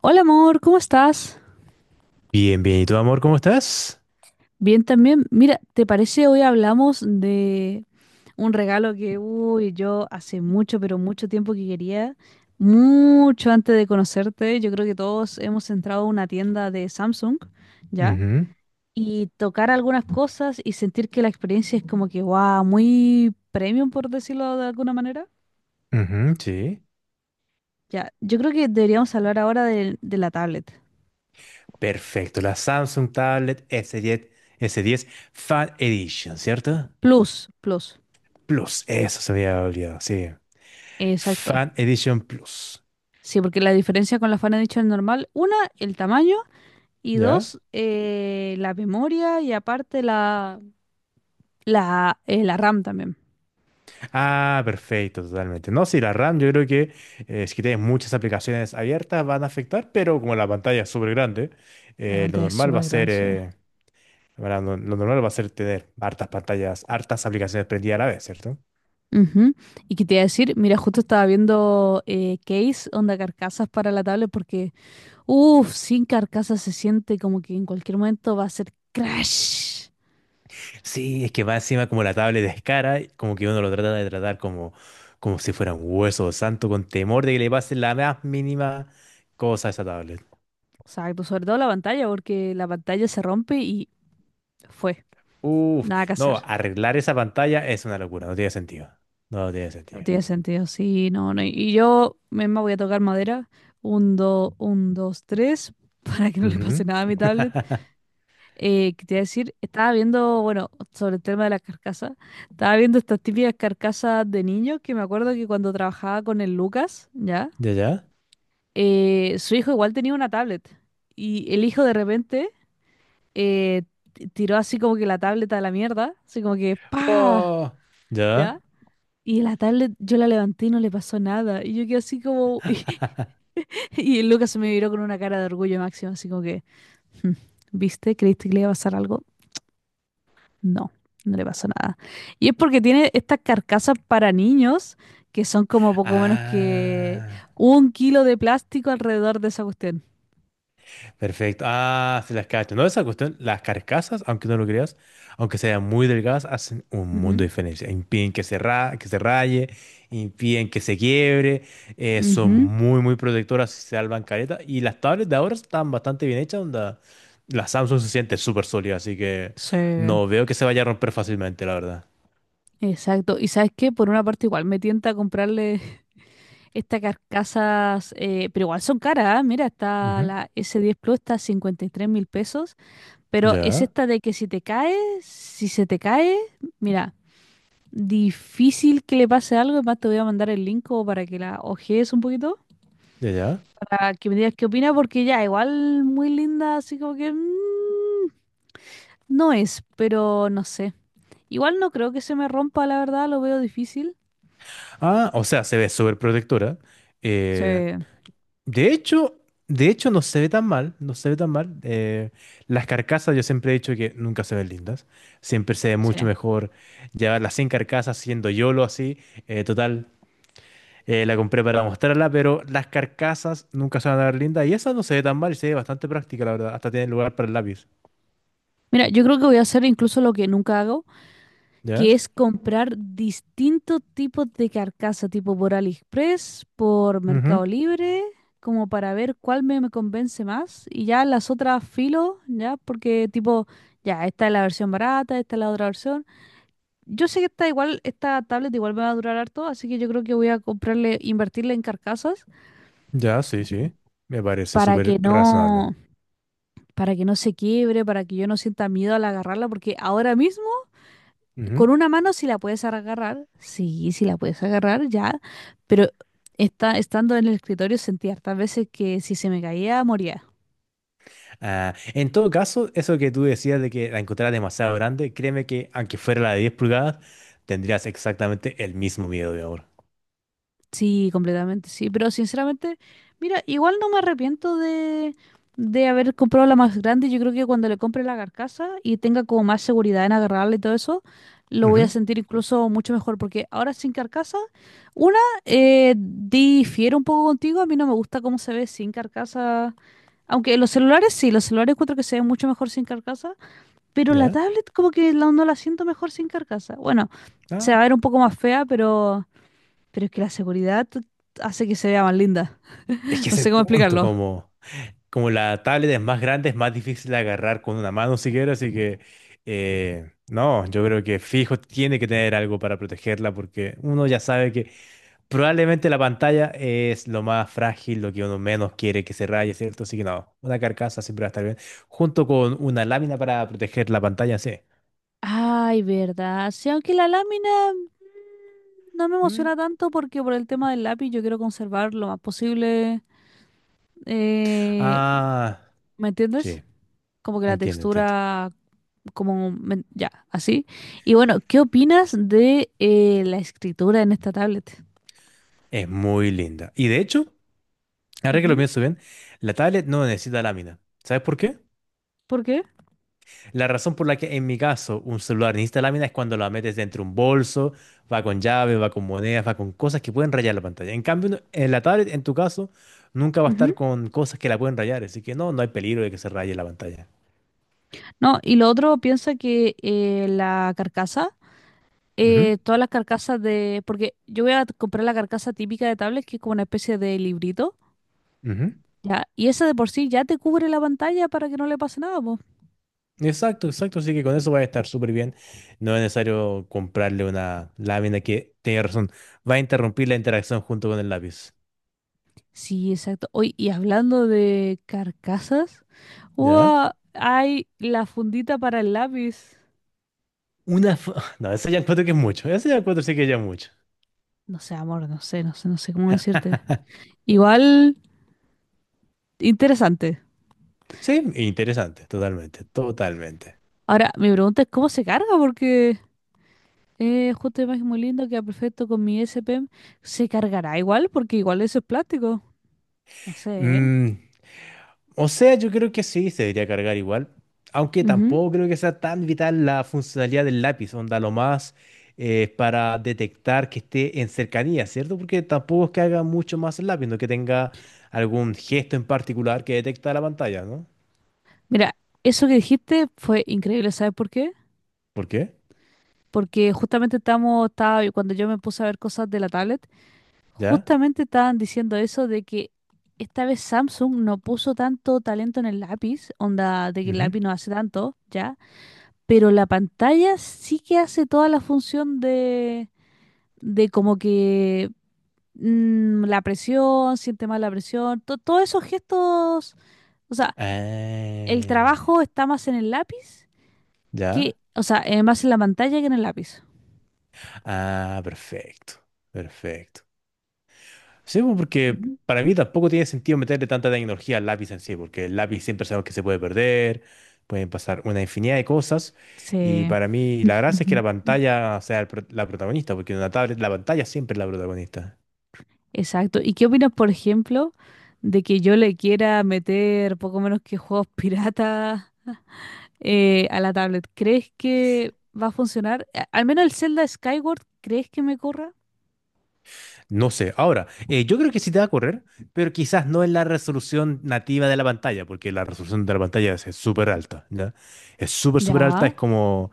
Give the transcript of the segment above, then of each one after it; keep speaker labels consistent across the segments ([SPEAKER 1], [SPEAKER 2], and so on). [SPEAKER 1] Hola amor, ¿cómo estás?
[SPEAKER 2] Bien, bien. ¿Y tú, amor, cómo estás?
[SPEAKER 1] Bien también. Mira, ¿te parece hoy hablamos de un regalo que, uy, yo hace mucho, pero mucho tiempo que quería, mucho antes de conocerte, yo creo que todos hemos entrado a una tienda de Samsung, ¿ya?
[SPEAKER 2] Ujú,
[SPEAKER 1] Y tocar algunas cosas y sentir que la experiencia es como que, wow, muy premium, por decirlo de alguna manera.
[SPEAKER 2] ujú, sí.
[SPEAKER 1] Ya, yo creo que deberíamos hablar ahora de la tablet.
[SPEAKER 2] Perfecto. La Samsung Tablet S10, S10 Fan Edition, ¿cierto?
[SPEAKER 1] Plus, plus.
[SPEAKER 2] Plus. Eso se había olvidado, sí.
[SPEAKER 1] Exacto.
[SPEAKER 2] Fan Edition Plus.
[SPEAKER 1] Sí, porque la diferencia con la Fan Edition normal, una, el tamaño y
[SPEAKER 2] ¿Ya?
[SPEAKER 1] dos, la memoria y aparte la RAM también.
[SPEAKER 2] Ah, perfecto, totalmente. No, sí, la RAM, yo creo que si tienes muchas aplicaciones abiertas van a afectar, pero como la pantalla es súper grande,
[SPEAKER 1] La
[SPEAKER 2] lo
[SPEAKER 1] pantalla es
[SPEAKER 2] normal va
[SPEAKER 1] súper
[SPEAKER 2] a
[SPEAKER 1] grande.
[SPEAKER 2] ser,
[SPEAKER 1] Sí.
[SPEAKER 2] bueno, lo normal va a ser tener hartas pantallas, hartas aplicaciones prendidas a la vez, ¿cierto?
[SPEAKER 1] Ujú. Y que te iba a decir, mira, justo estaba viendo case, onda carcasas para la tablet porque, uff, sin carcasas se siente como que en cualquier momento va a ser crash.
[SPEAKER 2] Sí, es que va encima como la tablet de Escara, como que uno lo trata de tratar como, como si fuera un hueso santo, con temor de que le pase la más mínima cosa a esa tablet.
[SPEAKER 1] Exacto, sobre todo la pantalla porque la pantalla se rompe y fue,
[SPEAKER 2] Uf,
[SPEAKER 1] nada que
[SPEAKER 2] no,
[SPEAKER 1] hacer.
[SPEAKER 2] arreglar esa pantalla es una locura, no tiene sentido. No tiene
[SPEAKER 1] No
[SPEAKER 2] sentido.
[SPEAKER 1] tiene sentido, sí, no, no. Y yo misma voy a tocar madera. Un, dos, tres, para que no le
[SPEAKER 2] Ujú.
[SPEAKER 1] pase nada a mi tablet. Que te iba a decir, estaba viendo, bueno, sobre el tema de las carcasas, estaba viendo estas típicas carcasas de niños que me acuerdo que cuando trabajaba con el Lucas, ¿ya?
[SPEAKER 2] ¿Ya, ya?
[SPEAKER 1] Su hijo igual tenía una tablet. Y el hijo de repente eh, tiró así como que la tablet a la mierda, así como que ¡pa!
[SPEAKER 2] Oh,
[SPEAKER 1] ¿Ya?
[SPEAKER 2] ¿ya?
[SPEAKER 1] Y en la tablet yo la levanté y no le pasó nada. Y yo quedé así como... Y el Lucas se me miró con una cara de orgullo máximo, así como que... "Hmm, ¿viste? ¿Creíste que le iba a pasar algo? No, no le pasó nada. Y es porque tiene estas carcasas para niños que son como poco menos que
[SPEAKER 2] Ah.
[SPEAKER 1] un kilo de plástico alrededor de esa cuestión.
[SPEAKER 2] Perfecto. Ah, sí las cacho. No, esa cuestión, las carcasas, aunque no lo creas, aunque sean muy delgadas, hacen un mundo
[SPEAKER 1] Ujú,
[SPEAKER 2] de diferencia. Impiden que que se raye, impiden que se quiebre, son
[SPEAKER 1] ujú,
[SPEAKER 2] muy, muy protectoras, se salvan careta. Y las tablets de ahora están bastante bien hechas, onda. La Samsung se siente súper sólida, así que
[SPEAKER 1] sí,
[SPEAKER 2] no veo que se vaya a romper fácilmente, la verdad.
[SPEAKER 1] exacto. ¿Y sabes qué? Por una parte igual me tienta a comprarle estas carcasas, pero igual son caras, ¿ah? Mira, está
[SPEAKER 2] Ujú.
[SPEAKER 1] la S10 Plus, está a 53.000 pesos, pero es
[SPEAKER 2] Ya,
[SPEAKER 1] esta de que si te caes, si se te cae, mira, difícil que le pase algo, además te voy a mandar el link como para que la ojees un poquito,
[SPEAKER 2] ya, ya.
[SPEAKER 1] para que me digas qué opinas, porque ya, igual muy linda, así como que no es, pero no sé. Igual no creo que se me rompa, la verdad, lo veo difícil.
[SPEAKER 2] Ah, o sea, se ve súper protectora.
[SPEAKER 1] Sí,
[SPEAKER 2] eh, De hecho, de hecho no se ve tan mal, no se ve tan mal. Las carcasas yo siempre he dicho que nunca se ven lindas. Siempre se ve mucho
[SPEAKER 1] sí.
[SPEAKER 2] mejor llevarlas sin carcasas, siendo YOLO así. Total, la compré para mostrarla, pero las carcasas nunca se van a ver lindas. Y esa no se ve tan mal y se ve bastante práctica, la verdad. Hasta tiene lugar para el lápiz.
[SPEAKER 1] Mira, yo creo que voy a hacer incluso lo que nunca hago, que
[SPEAKER 2] ¿Ya?
[SPEAKER 1] es comprar distintos tipos de carcasa, tipo por AliExpress, por
[SPEAKER 2] Ujú.
[SPEAKER 1] Mercado Libre, como para ver cuál me convence más. Y ya las otras filo, ya, porque tipo, ya, esta es la versión barata, esta es la otra versión. Yo sé que esta igual, esta tablet igual me va a durar harto, así que yo creo que voy a comprarle, invertirle en carcasas
[SPEAKER 2] Ya, sí, sí. Me parece
[SPEAKER 1] para que
[SPEAKER 2] súper razonable.
[SPEAKER 1] no, para que no se quiebre, para que yo no sienta miedo al agarrarla, porque ahora mismo
[SPEAKER 2] Ujú.
[SPEAKER 1] con una mano sí la puedes agarrar, sí, sí la puedes agarrar, ya, pero estando en el escritorio sentí hartas veces que si se me caía, moría.
[SPEAKER 2] Ah, en todo caso, eso que tú decías de que la encontrabas demasiado grande, créeme que aunque fuera la de 10 pulgadas, tendrías exactamente el mismo miedo de ahora.
[SPEAKER 1] Sí, completamente, sí, pero sinceramente, mira, igual no me arrepiento de haber comprado la más grande. Yo creo que cuando le compre la carcasa y tenga como más seguridad en agarrarla y todo eso, lo voy a
[SPEAKER 2] Ujú,
[SPEAKER 1] sentir incluso mucho mejor, porque ahora sin carcasa, una, difiero un poco contigo, a mí no me gusta cómo se ve sin carcasa. Aunque los celulares sí, los celulares encuentro que se ven mucho mejor sin carcasa, pero la
[SPEAKER 2] ¿ya?
[SPEAKER 1] tablet como que no la siento mejor sin carcasa. Bueno, se va
[SPEAKER 2] Ah,
[SPEAKER 1] a ver un poco más fea, pero es que la seguridad hace que se vea más linda.
[SPEAKER 2] es que
[SPEAKER 1] No
[SPEAKER 2] es el
[SPEAKER 1] sé cómo
[SPEAKER 2] punto,
[SPEAKER 1] explicarlo.
[SPEAKER 2] como la tablet es más grande, es más difícil de agarrar con una mano siquiera, así que no, yo creo que fijo tiene que tener algo para protegerla porque uno ya sabe que probablemente la pantalla es lo más frágil, lo que uno menos quiere que se raye, ¿cierto? Así que no, una carcasa siempre va a estar bien. Junto con una lámina para proteger la pantalla, sí.
[SPEAKER 1] Ay, verdad. Sí, aunque la lámina no me emociona
[SPEAKER 2] Mm.
[SPEAKER 1] tanto porque por el tema del lápiz yo quiero conservar lo más posible. eh,
[SPEAKER 2] Ah,
[SPEAKER 1] ¿me entiendes?
[SPEAKER 2] sí,
[SPEAKER 1] Como que la
[SPEAKER 2] entiendo, entiendo.
[SPEAKER 1] textura, como ya, así. Y bueno, ¿qué opinas de la escritura en esta tablet?
[SPEAKER 2] Es muy linda. Y de hecho, ahora que lo
[SPEAKER 1] Ujú.
[SPEAKER 2] pienso bien, la tablet no necesita lámina. ¿Sabes por qué?
[SPEAKER 1] ¿Por qué?
[SPEAKER 2] La razón por la que en mi caso un celular necesita lámina es cuando la metes dentro de un bolso, va con llave, va con monedas, va con cosas que pueden rayar la pantalla. En cambio, en la tablet, en tu caso, nunca va a
[SPEAKER 1] Ujú.
[SPEAKER 2] estar con cosas que la pueden rayar, así que no, no hay peligro de que se raye la pantalla.
[SPEAKER 1] No, y lo otro piensa que la carcasa,
[SPEAKER 2] Ujú,
[SPEAKER 1] todas las carcasas de... Porque yo voy a comprar la carcasa típica de tablet, que es como una especie de librito,
[SPEAKER 2] ujú.
[SPEAKER 1] ¿ya? Y esa de por sí ya te cubre la pantalla para que no le pase nada, po.
[SPEAKER 2] Exacto, exacto, así que con eso va a estar súper bien. No es necesario comprarle una lámina que, tiene razón, va a interrumpir la interacción junto con el lápiz.
[SPEAKER 1] Sí, exacto. Hoy, y hablando de carcasas,
[SPEAKER 2] ¿Ya?
[SPEAKER 1] ¡Guau! Hay la fundita para el lápiz.
[SPEAKER 2] Una... fo- No, eso ya encuentro que es mucho, eso ya encuentro sí que ya es mucho.
[SPEAKER 1] No sé, amor, no sé, no sé, no sé cómo decirte. Igual, interesante.
[SPEAKER 2] Sí, interesante, totalmente, totalmente.
[SPEAKER 1] Ahora, mi pregunta es cómo se carga, porque... Justo imagen muy lindo, queda perfecto con mi SPM. Se cargará igual, porque igual eso es plástico. No sé, ¿eh?
[SPEAKER 2] Mm, o sea, yo creo que sí, se debería cargar igual, aunque
[SPEAKER 1] Ujú.
[SPEAKER 2] tampoco creo que sea tan vital la funcionalidad del lápiz, onda lo más para detectar que esté en cercanía, ¿cierto? Porque tampoco es que haga mucho más el lápiz, no que tenga algún gesto en particular que detecta la pantalla, ¿no?
[SPEAKER 1] Mira, eso que dijiste fue increíble, ¿sabes por qué?
[SPEAKER 2] ¿Por qué?
[SPEAKER 1] Porque justamente estaba, cuando yo me puse a ver cosas de la tablet,
[SPEAKER 2] ¿Ya?
[SPEAKER 1] justamente estaban diciendo eso de que esta vez Samsung no puso tanto talento en el lápiz, onda de que el
[SPEAKER 2] Ujú.
[SPEAKER 1] lápiz no hace tanto, ¿ya? Pero la pantalla sí que hace toda la función de como que la presión, siente más la presión, todos esos gestos, o sea, el
[SPEAKER 2] Ah,
[SPEAKER 1] trabajo está más en el lápiz que,
[SPEAKER 2] ¿ya?
[SPEAKER 1] o sea, más en la pantalla que en el lápiz.
[SPEAKER 2] Ah, perfecto, perfecto. Sí, pues, porque
[SPEAKER 1] Ujú.
[SPEAKER 2] para mí tampoco tiene sentido meterle tanta tecnología al lápiz en sí, porque el lápiz siempre sabemos que se puede perder, pueden pasar una infinidad de cosas, y
[SPEAKER 1] Sí.
[SPEAKER 2] para mí la gracia es que
[SPEAKER 1] Ujú.
[SPEAKER 2] la pantalla sea la protagonista, porque en una tablet la pantalla siempre es la protagonista.
[SPEAKER 1] Exacto. ¿Y qué opinas, por ejemplo, de que yo le quiera meter poco menos que juegos piratas a la tablet? ¿Crees que va a funcionar? Al menos el Zelda Skyward, ¿crees que me corra?
[SPEAKER 2] No sé, ahora, yo creo que sí te va a correr, pero quizás no en la resolución nativa de la pantalla, porque la resolución de la pantalla es súper alta, ¿ya? Es súper, súper alta,
[SPEAKER 1] Ya.
[SPEAKER 2] es como...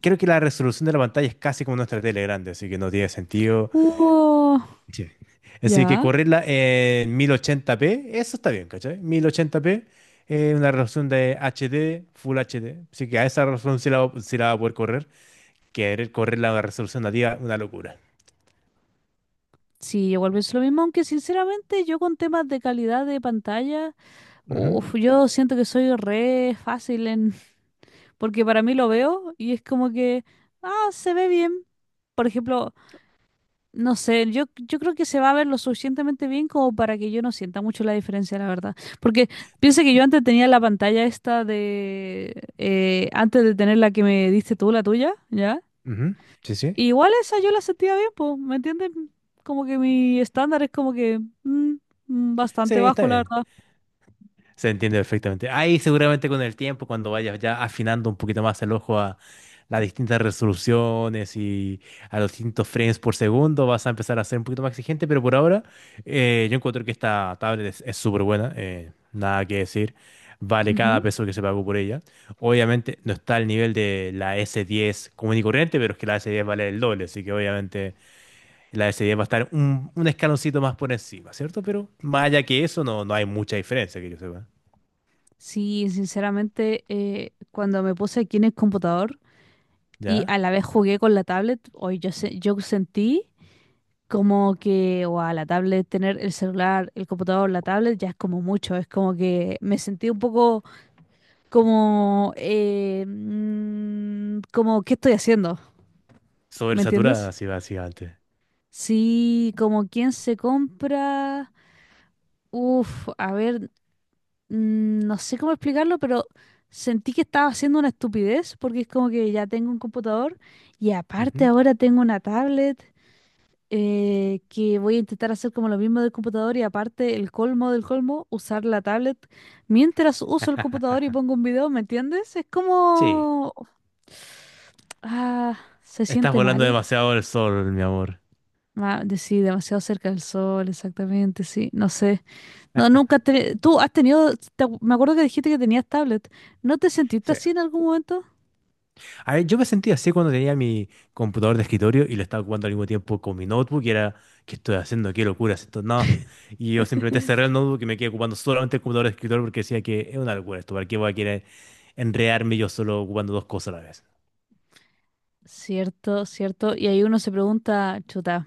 [SPEAKER 2] Creo que la resolución de la pantalla es casi como nuestra tele grande, así que no tiene sentido.
[SPEAKER 1] Uh,
[SPEAKER 2] Sí. Así que
[SPEAKER 1] ya.
[SPEAKER 2] correrla en 1080p, eso está bien, ¿cachai? 1080p, una resolución de HD, Full HD. Así que a esa resolución sí la va a poder correr. Querer correrla a una resolución nativa, una locura.
[SPEAKER 1] Sí, igual pienso lo mismo, aunque sinceramente yo con temas de calidad de pantalla,
[SPEAKER 2] Ujú,
[SPEAKER 1] uf, yo siento que soy re fácil en, porque para mí lo veo y es como que, ah, se ve bien. Por ejemplo, no sé, yo creo que se va a ver lo suficientemente bien como para que yo no sienta mucho la diferencia, la verdad. Porque piensa que yo antes tenía la pantalla esta antes de tener la que me diste tú, la tuya, ¿ya?
[SPEAKER 2] ujú. Sí, sí.
[SPEAKER 1] Igual esa yo la sentía bien, pues, ¿me entiendes? Como que mi estándar es como que
[SPEAKER 2] Sí,
[SPEAKER 1] bastante bajo,
[SPEAKER 2] está
[SPEAKER 1] la
[SPEAKER 2] bien.
[SPEAKER 1] verdad.
[SPEAKER 2] Se entiende perfectamente. Ahí seguramente con el tiempo, cuando vayas ya afinando un poquito más el ojo a las distintas resoluciones y a los distintos frames por segundo, vas a empezar a ser un poquito más exigente, pero por ahora yo encuentro que esta tablet es súper buena, nada que decir, vale cada
[SPEAKER 1] Ujú.
[SPEAKER 2] peso que se pagó por ella. Obviamente no está al nivel de la S10 común y corriente, pero es que la S10 vale el doble, así que obviamente la S10 va a estar un escaloncito más por encima, ¿cierto? Pero más allá que eso, no, no hay mucha diferencia que yo sepa.
[SPEAKER 1] Sí, sinceramente, cuando me puse aquí en el computador y a
[SPEAKER 2] ¿Ya?
[SPEAKER 1] la vez jugué con la tablet, hoy yo, yo sentí como que, a la tablet, tener el celular, el computador, la tablet, ya es como mucho, es como que me sentí un poco como, como, ¿qué estoy haciendo? ¿Me
[SPEAKER 2] Sobresaturada,
[SPEAKER 1] entiendes?
[SPEAKER 2] así básicamente.
[SPEAKER 1] Sí, como quien se compra. Uf, a ver, no sé cómo explicarlo, pero sentí que estaba haciendo una estupidez porque es como que ya tengo un computador y aparte
[SPEAKER 2] Ujú.
[SPEAKER 1] ahora tengo una tablet que voy a intentar hacer como lo mismo del computador y aparte el colmo del colmo, usar la tablet mientras uso el computador y pongo un video, ¿me entiendes? Es
[SPEAKER 2] Sí,
[SPEAKER 1] como... Ah, se
[SPEAKER 2] estás
[SPEAKER 1] siente
[SPEAKER 2] volando
[SPEAKER 1] mal.
[SPEAKER 2] demasiado el sol, mi amor.
[SPEAKER 1] Ah, sí, demasiado cerca del sol, exactamente, sí, no sé. No, nunca te... Tú has tenido... me acuerdo que dijiste que tenías tablet. ¿No te sentiste
[SPEAKER 2] Sí.
[SPEAKER 1] así en algún momento?
[SPEAKER 2] A ver, yo me sentía así cuando tenía mi computador de escritorio y lo estaba ocupando al mismo tiempo con mi notebook y era, ¿qué estoy haciendo? ¿Qué locura es esto? No. Y yo simplemente cerré el notebook y me quedé ocupando solamente el computador de escritorio porque decía que es una locura esto, ¿para qué voy a querer enredarme yo solo ocupando dos cosas a la vez?
[SPEAKER 1] Cierto, cierto. Y ahí uno se pregunta, chuta.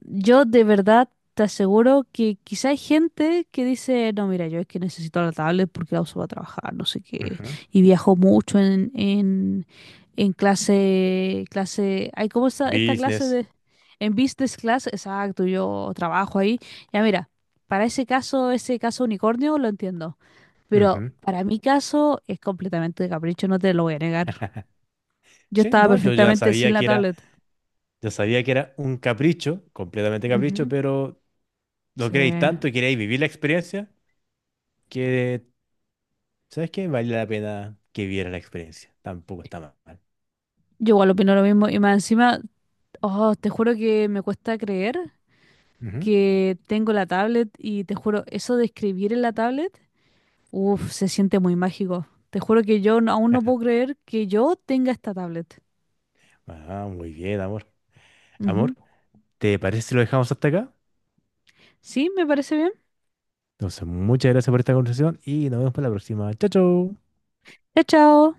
[SPEAKER 1] Yo de verdad te aseguro que quizá hay gente que dice, no, mira, yo es que necesito la tablet porque la uso para trabajar, no sé qué,
[SPEAKER 2] Ujú.
[SPEAKER 1] y viajo mucho en clase, clase, hay como esta clase
[SPEAKER 2] Business.
[SPEAKER 1] de, en business class, exacto, yo trabajo ahí, ya mira, para ese caso unicornio lo entiendo, pero
[SPEAKER 2] Ujú.
[SPEAKER 1] para mi caso es completamente de capricho, no te lo voy a negar. Yo
[SPEAKER 2] Sí,
[SPEAKER 1] estaba
[SPEAKER 2] no,
[SPEAKER 1] perfectamente sin la tablet.
[SPEAKER 2] Yo sabía que era un capricho, completamente capricho,
[SPEAKER 1] Ujú.
[SPEAKER 2] pero lo
[SPEAKER 1] Sí.
[SPEAKER 2] queréis tanto y queréis vivir la experiencia que, ¿sabes qué? Vale la pena que viera la experiencia. Tampoco está mal.
[SPEAKER 1] Yo igual opino lo mismo. Y más encima, oh, te juro que me cuesta creer
[SPEAKER 2] Ujú.
[SPEAKER 1] que tengo la tablet y te juro, eso de escribir en la tablet, uff, se siente muy mágico. Te juro que yo no- aún no puedo creer que yo tenga esta tablet.
[SPEAKER 2] Ah, muy bien, amor. Amor,
[SPEAKER 1] Ujú.
[SPEAKER 2] ¿te parece si lo dejamos hasta acá?
[SPEAKER 1] Sí, me parece bien.
[SPEAKER 2] Entonces, muchas gracias por esta conversación y nos vemos para la próxima. Chao, chao.
[SPEAKER 1] Chao, chao.